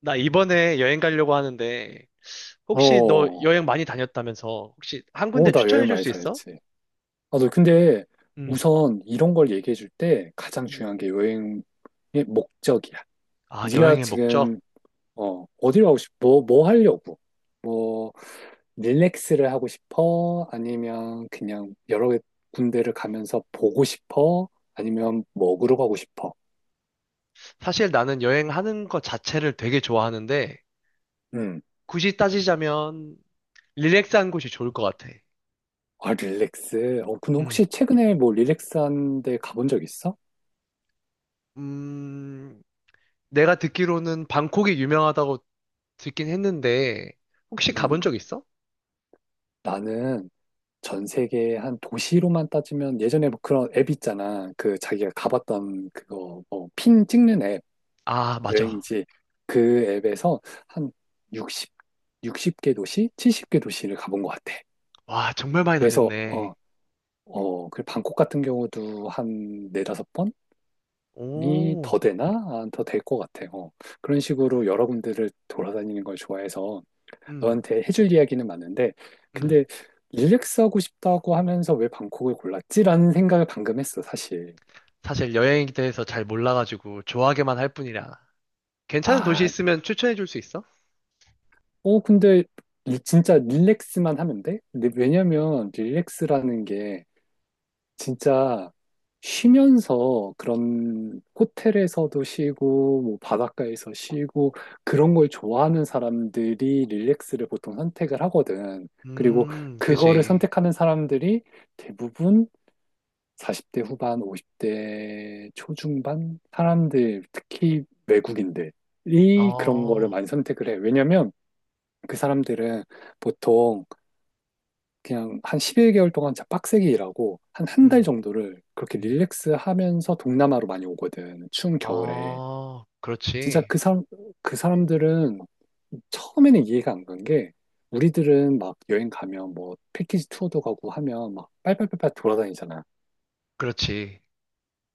나 이번에 여행 가려고 하는데, 어, 혹시 너 어, 여행 많이 다녔다면서, 혹시 한 군데 나 추천해 여행 줄 많이 수 있어? 다녔지. 아, 너 근데 응, 우선 이런 걸 얘기해 줄 때 가장 응. 중요한 게 여행의 목적이야. 아, 네가 여행의 목적? 지금 어디로 가고 싶어? 뭐 하려고? 뭐 릴렉스를 하고 싶어? 아니면 그냥 여러 군데를 가면서 보고 싶어? 아니면 먹으러 가고 싶어? 사실 나는 여행하는 것 자체를 되게 좋아하는데, 음. 굳이 따지자면, 릴렉스한 곳이 좋을 것 같아. 아, 릴렉스. 어, 근데 응. 혹시 최근에 뭐 릴렉스한 데 가본 적 있어? 음, 내가 듣기로는 방콕이 유명하다고 듣긴 했는데, 혹시 가본 음. 적 있어? 나는 전 세계 한 도시로만 따지면 예전에 뭐 그런 앱 있잖아. 그 자기가 가봤던 그거 뭐핀 찍는 앱, 아, 맞아. 여행지 그 앱에서 한 60, 60개 도시, 70개 도시를 가본 것 같아. 와, 정말 많이 그래서 다녔네. 그 방콕 같은 경우도 한 네다섯 번이 오, 더 되나? 아, 더될 것 같아. 요 그런 식으로 여러 군데를 돌아다니는 걸 좋아해서 응, 너한테 해줄 이야기는 많은데, 응. 근데 릴렉스하고 싶다고 하면서 왜 방콕을 골랐지라는 생각을 방금 했어, 사실. 사실 여행에 대해서 잘 몰라가지고 좋아하게만 할 뿐이라. 괜찮은 도시 아, 있으면 추천해 줄 수 있어? 어, 근데 진짜 릴렉스만 하면 돼? 근데 왜냐면 릴렉스라는 게 진짜 쉬면서 그런 호텔에서도 쉬고, 뭐 바닷가에서 쉬고, 그런 걸 좋아하는 사람들이 릴렉스를 보통 선택을 하거든. 그리고 그거를 그지. 선택하는 사람들이 대부분 40대 후반, 50대 초중반 사람들, 특히 외국인들이 그런 거를 어, 많이 선택을 해. 왜냐면 그 사람들은 보통 그냥 한 11개월 동안 진짜 빡세게 일하고 한 한 달 음, 정도를 그렇게 음. 릴렉스 하면서 동남아로 많이 오거든. 추운 겨울에. 아, 진짜 그렇지. 그 사람들은 처음에는 이해가 안 간 게 우리들은 막 여행 가면 뭐 패키지 투어도 가고 하면 막 빨빨빨빨 돌아다니잖아. 그렇지.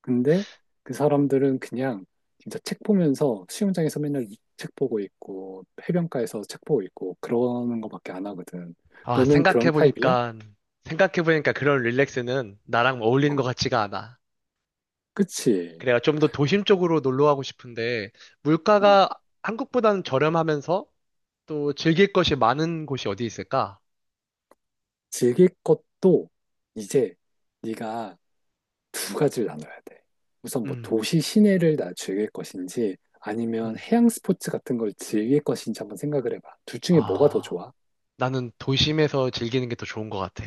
근데 그 사람들은 그냥 진짜 책 보면서 수영장에서 맨날 책 보고 있고 해변가에서 책 보고 있고 그러는 거밖에 안 하거든. 아, 너는 그런 타입이야? 생각해보니까 그런 릴렉스는 나랑 어울리는 것 어, 같지가 않아. 그치. 그래가 좀 더 도심 쪽으로 놀러 가고 싶은데, 어, 물가가 한국보다는 저렴하면서 또 즐길 것이 많은 곳이 어디 있을까? 즐길 것도 이제 네가 두 가지를 나눠야 돼. 우선 뭐 음, 도시 시내를 나 즐길 것인지 아니면 음. 해양 스포츠 같은 걸 즐길 것인지 한번 생각을 해봐. 둘 중에 뭐가 더 아. 좋아? 나는 도심에서 즐기는 게 더 좋은 것 같아.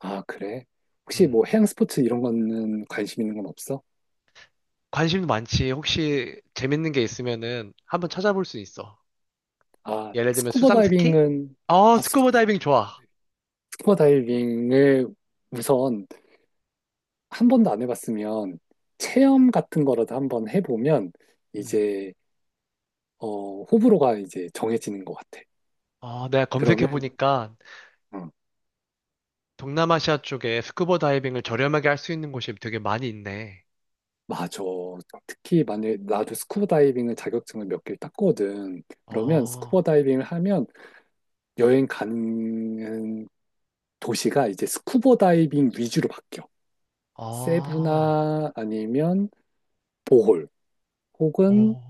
아, 그래? 혹시 음. 뭐 해양 스포츠 이런 거는 관심 있는 건 없어? 관심도 많지. 혹시 재밌는 게 있으면은 한번 찾아볼 수 있어. 아, 예를 들면 스쿠버 수상 스키? 다이빙은, 어, 아, 스, 스쿠버 다이빙 좋아. 스쿠버 다이빙을 우선 한 번도 안 해봤으면 체험 같은 거라도 한번 해보면 음. 이제, 어, 호불호가 이제 정해지는 것 같아. 어, 내가 검색해 그러면, 보니까 응, 동남아시아 쪽에 스쿠버 다이빙을 저렴하게 할 수 있는 곳이 되게 많이 있네. 맞아. 특히 만약에 나도 스쿠버 다이빙을 자격증을 몇 개를 땄거든. 그러면 스쿠버 어, 다이빙을 하면 여행 가는 도시가 이제 스쿠버 다이빙 위주로 바뀌어. 어, 세부나 아니면 보홀. 혹은 오,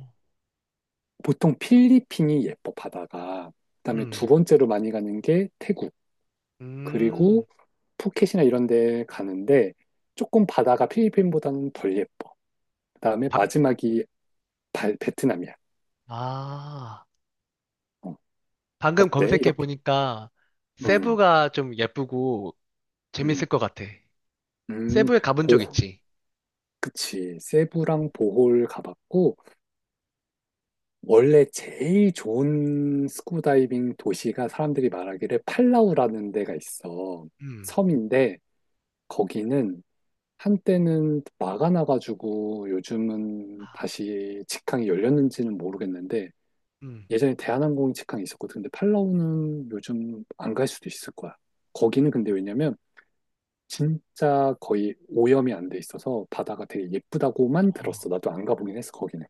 보통 필리핀이 예뻐, 바다가. 그다음에 두 음, 번째로 많이 가는 게 태국. 음, 그리고 푸켓이나 이런 데 가는데 조금 바다가 필리핀보다는 덜 예뻐. 그다음에 방, 마지막이 베트남이야. 아, 어, 방금 때 검색해 이렇게. 보니까 음, 세부가 좀 예쁘고 음, 재밌을 것 같아. 음, 세부에 가본 적 보호. 있지? 그치. 세부랑 보홀 가봤고, 원래 제일 좋은 스쿠버 다이빙 도시가 사람들이 말하기를 팔라우라는 데가 있어. 음, 섬인데, 거기는 한때는 막아놔가지고 요즘은 다시 직항이 열렸는지는 모르겠는데 음. 예전에 대한항공 직항이 있었거든. 근데 팔라우는 요즘 안 갈 수도 있을 거야. 거기는 근데 왜냐면 진짜 거의 오염이 안 돼 있어서 바다가 되게 예쁘다고만 어, 들었어. 나도 안 가보긴 했어, 거기는.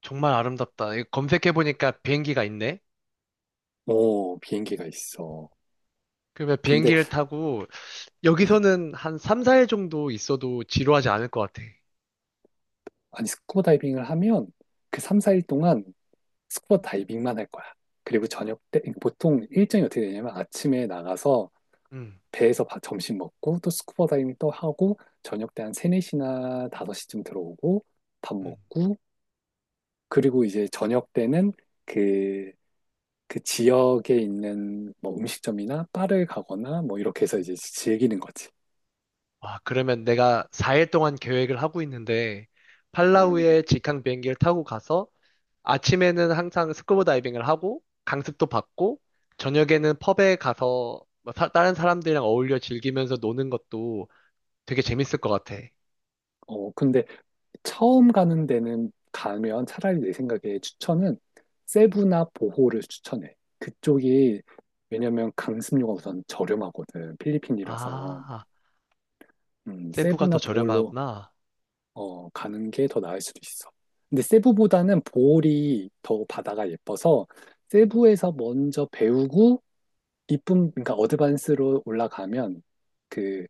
정말 아름답다. 이거 검색해보니까 비행기가 있네? 어, 비행기가 있어. 그러면 근데, 비행기를 타고 음, 여기서는 한 3, 4일 정도 있어도 지루하지 않을 것 같아. 아니, 스쿠버 다이빙을 하면 그 3, 4일 동안 스쿠버 다이빙만 할 거야. 그리고 저녁 때, 그러니까 보통 일정이 어떻게 되냐면 아침에 나가서 음, 배에서 점심 먹고 또 스쿠버 다이빙 또 하고 저녁 때 한 세네 시나 다섯 시쯤 들어오고 밥 음. 먹고 그리고 이제 저녁 때는 그, 그 지역에 있는 뭐 음식점이나 바를 가거나 뭐 이렇게 해서 이제 즐기는 거지. 와, 그러면 내가 4일 동안 계획을 하고 있는데 음. 팔라우에 직항 비행기를 타고 가서 아침에는 항상 스쿠버 다이빙을 하고 강습도 받고 저녁에는 펍에 가서 뭐 다른 사람들이랑 어울려 즐기면서 노는 것도 되게 재밌을 것 같아. 어, 근데 처음 가는 데는 가면 차라리 내 생각에 추천은 세부나 보호를 추천해. 그쪽이 왜냐면 강습료가 우선 저렴하거든. 필리핀이라서. 아, 세부가 더 세부나 보홀로 저렴하구나. 어, 가는 게 더 나을 수도 있어. 근데 세부보다는 보홀이 더 바다가 예뻐서 세부에서 먼저 배우고 이쁨, 그러니까 어드밴스로 올라가면 그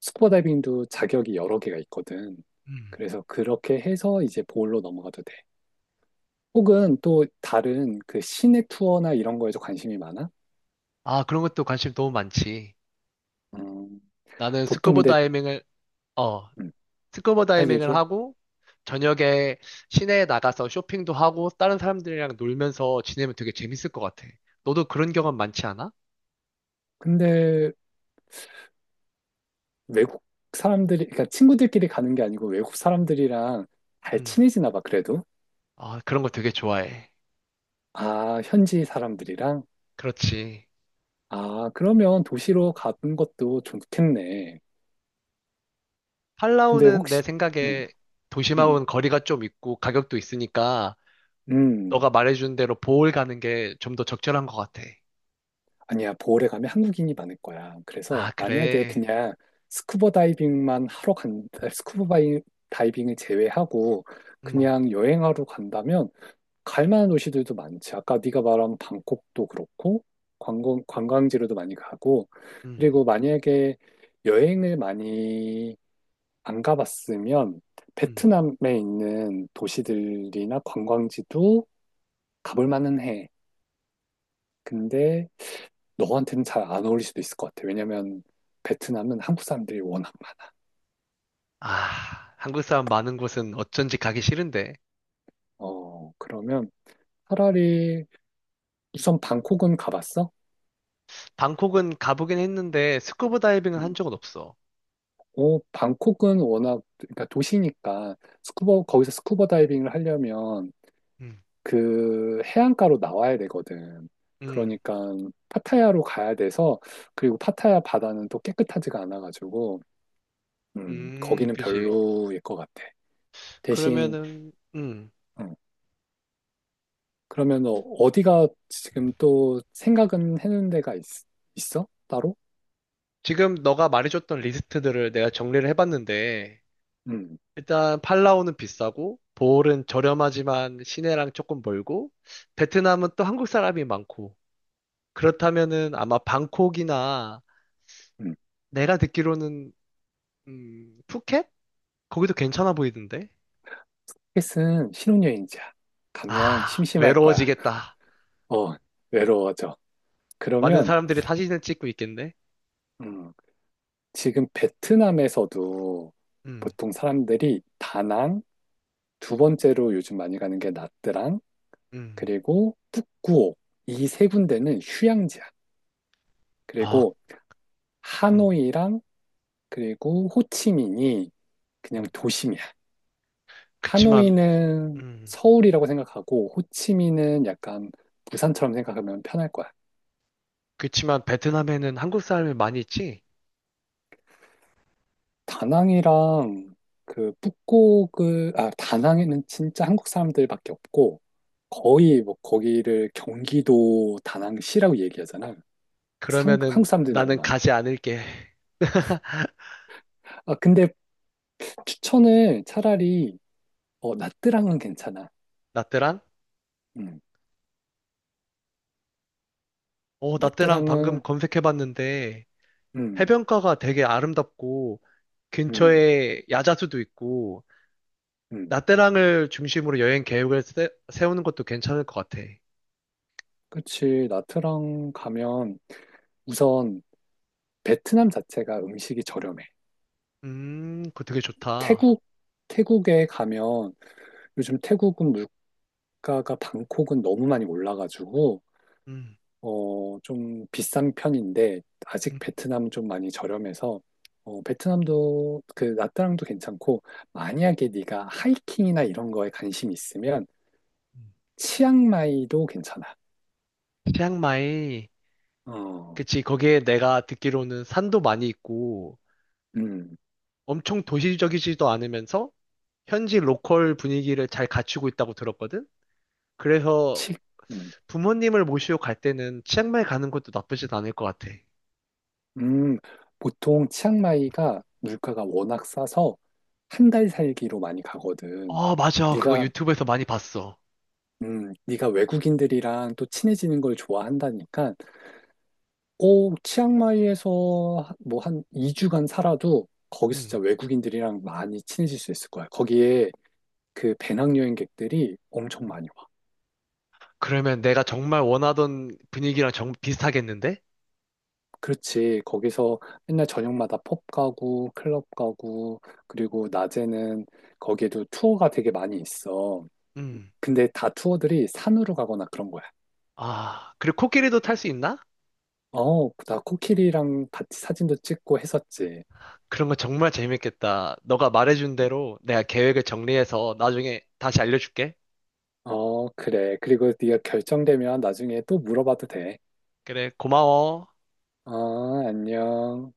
스쿠버 다이빙도 자격이 여러 개가 있거든. 음. 그래서 그렇게 해서 이제 보홀로 넘어가도 돼. 혹은 또 다른 그 시내 투어나 이런 거에도 관심이 많아? 아, 그런 것도 관심 너무 많지. 음, 나는 보통 근데 어, 음, 스쿠버 아 다이빙을 얘기해. 하고, 저녁에 시내에 나가서 쇼핑도 하고, 다른 사람들이랑 놀면서 지내면 되게 재밌을 것 같아. 너도 그런 경험 많지 않아? 근데 외국 사람들이, 그러니까 친구들끼리 가는 게 아니고 외국 사람들이랑 잘 음. 친해지나 봐, 그래도. 아, 그런 거 되게 좋아해. 아, 현지 사람들이랑. 그렇지. 아, 그러면 도시로 가는 것도 좋겠네. 근데 팔라우는 내 혹시, 음, 생각에 음, 도심하고는 거리가 좀 있고, 가격도 있으니까, 음. 너가 말해준 대로 보홀 가는 게 좀 더 적절한 것 같아. 아니야, 보홀에 가면 한국인이 많을 거야. 그래서 아, 만약에 그래. 그냥 스쿠버 다이빙만 하러 간, 다이빙을 제외하고 음. 그냥 여행하러 간다면 갈 만한 도시들도 많지. 아까 네가 말한 방콕도 그렇고 관광지로도 많이 가고 응. 그리고 만약에 여행을 많이 안 가봤으면 음. 베트남에 있는 도시들이나 관광지도 가볼 만은 해. 근데 너한테는 잘 안 어울릴 수도 있을 것 같아. 왜냐면 베트남은 한국 사람들이 워낙 많아. 아, 한국 사람 많은 곳은 어쩐지 가기 싫은데. 어, 그러면 차라리 우선 방콕은 가봤어? 방콕은 가보긴 했는데 스쿠버 다이빙은 한 음. 적은 없어. 어, 방콕은 워낙 그러니까 도시니까 스쿠버 거기서 스쿠버 다이빙을 하려면 음, 그 해안가로 나와야 되거든. 음, 그러니까 파타야로 가야 돼서 그리고 파타야 바다는 또 깨끗하지가 않아가지고 거기는 그지. 별로일 것 같아. 대신 그러면은, 어, 그러면 어- 어디가 지금 또 생각은 해놓은 데가 있어? 따로? 지금 너가 말해줬던 리스트들을 내가 정리를 해봤는데, 음, 일단 팔라우는 비싸고, 보홀은 저렴하지만 시내랑 조금 멀고, 베트남은 또 한국 사람이 많고, 그렇다면은 아마 방콕이나 음. 내가 듣기로는, 푸켓? 거기도 괜찮아 보이던데? 헬스는 신혼여행지야. 가면 아, 심심할 거야. 외로워지겠다. 어, 외로워져. 많은 그러면 사람들이 사진을 찍고 있겠네? 음, 지금 베트남에서도 음, 보통 사람들이 다낭, 두 번째로 요즘 많이 가는 게 나트랑, 음, 그리고 북구오 이 세 군데는 휴양지야. 아, 그리고 음, 하노이랑 그리고 호치민이 그냥 음. 도심이야. 그치만, 하노이는 음, 서울이라고 생각하고 호치민은 약간 부산처럼 생각하면 편할 거야. 그치만 베트남에는 한국 사람이 많이 있지? 다낭이랑 그 북곡을 아 다낭에는 진짜 한국 사람들밖에 없고 거의 뭐 거기를 경기도 다낭시라고 얘기하잖아. 상, 한국 그러면은 사람들이 너무 나는 많아. 가지 않을게. 아 근데 추천을 차라리 어 나트랑은 괜찮아. 나트랑? 음 어, 나트랑 방금 나트랑은 검색해봤는데 해변가가 되게 아름답고 음음음 근처에 야자수도 있고 나트랑을 중심으로 여행 계획을 세우는 것도 괜찮을 것 같아. 그치 나트랑 가면 우선 베트남 자체가 음식이 저렴해. 그거 되게 좋다. 태국, 태국에 가면 요즘 태국은 물가가 방콕은 너무 많이 올라가지고, 음, 어, 좀 비싼 편인데, 아직 음. 베트남은 좀 많이 저렴해서, 어, 베트남도 그 나트랑도 괜찮고, 만약에 네가 하이킹이나 이런 거에 관심이 있으면, 음. 치앙마이도 괜찮아. 치앙마이, 어, 그치, 거기에 내가 듣기로는 산도 많이 있고, 음, 엄청 도시적이지도 않으면서, 현지 로컬 분위기를 잘 갖추고 있다고 들었거든? 그래서 치, 음. 부모님을 모시고 갈 때는 치앙마이 가는 것도 나쁘진 않을 것 같아. 음, 보통 치앙마이가 물가가 워낙 싸서 한 달 살기로 많이 가거든. 아, 맞아. 그거 네가 유튜브에서 많이 봤어. 네가 외국인들이랑 또 친해지는 걸 좋아한다니까. 오, 치앙마이에서 뭐 한 2주간 살아도 거기서 진짜 음. 외국인들이랑 많이 친해질 수 있을 거야. 거기에 그 배낭여행객들이 엄청 많이 와. 그러면 내가 정말 원하던 분위기랑 정 비슷하겠는데? 그렇지. 거기서 맨날 저녁마다 펍 가고 클럽 가고 그리고 낮에는 거기에도 투어가 되게 많이 있어. 음. 근데 다 투어들이 산으로 가거나 그런 거야. 아, 그리고 코끼리도 탈 수 있나? 어, 나 코끼리랑 같이 사진도 찍고 했었지. 그런 거 정말 재밌겠다. 너가 말해준 대로 내가 계획을 정리해서 나중에 다시 알려줄게. 어, 그래. 그리고 네가 결정되면 나중에 또 물어봐도 돼. 그래, 고마워. 어, 안녕.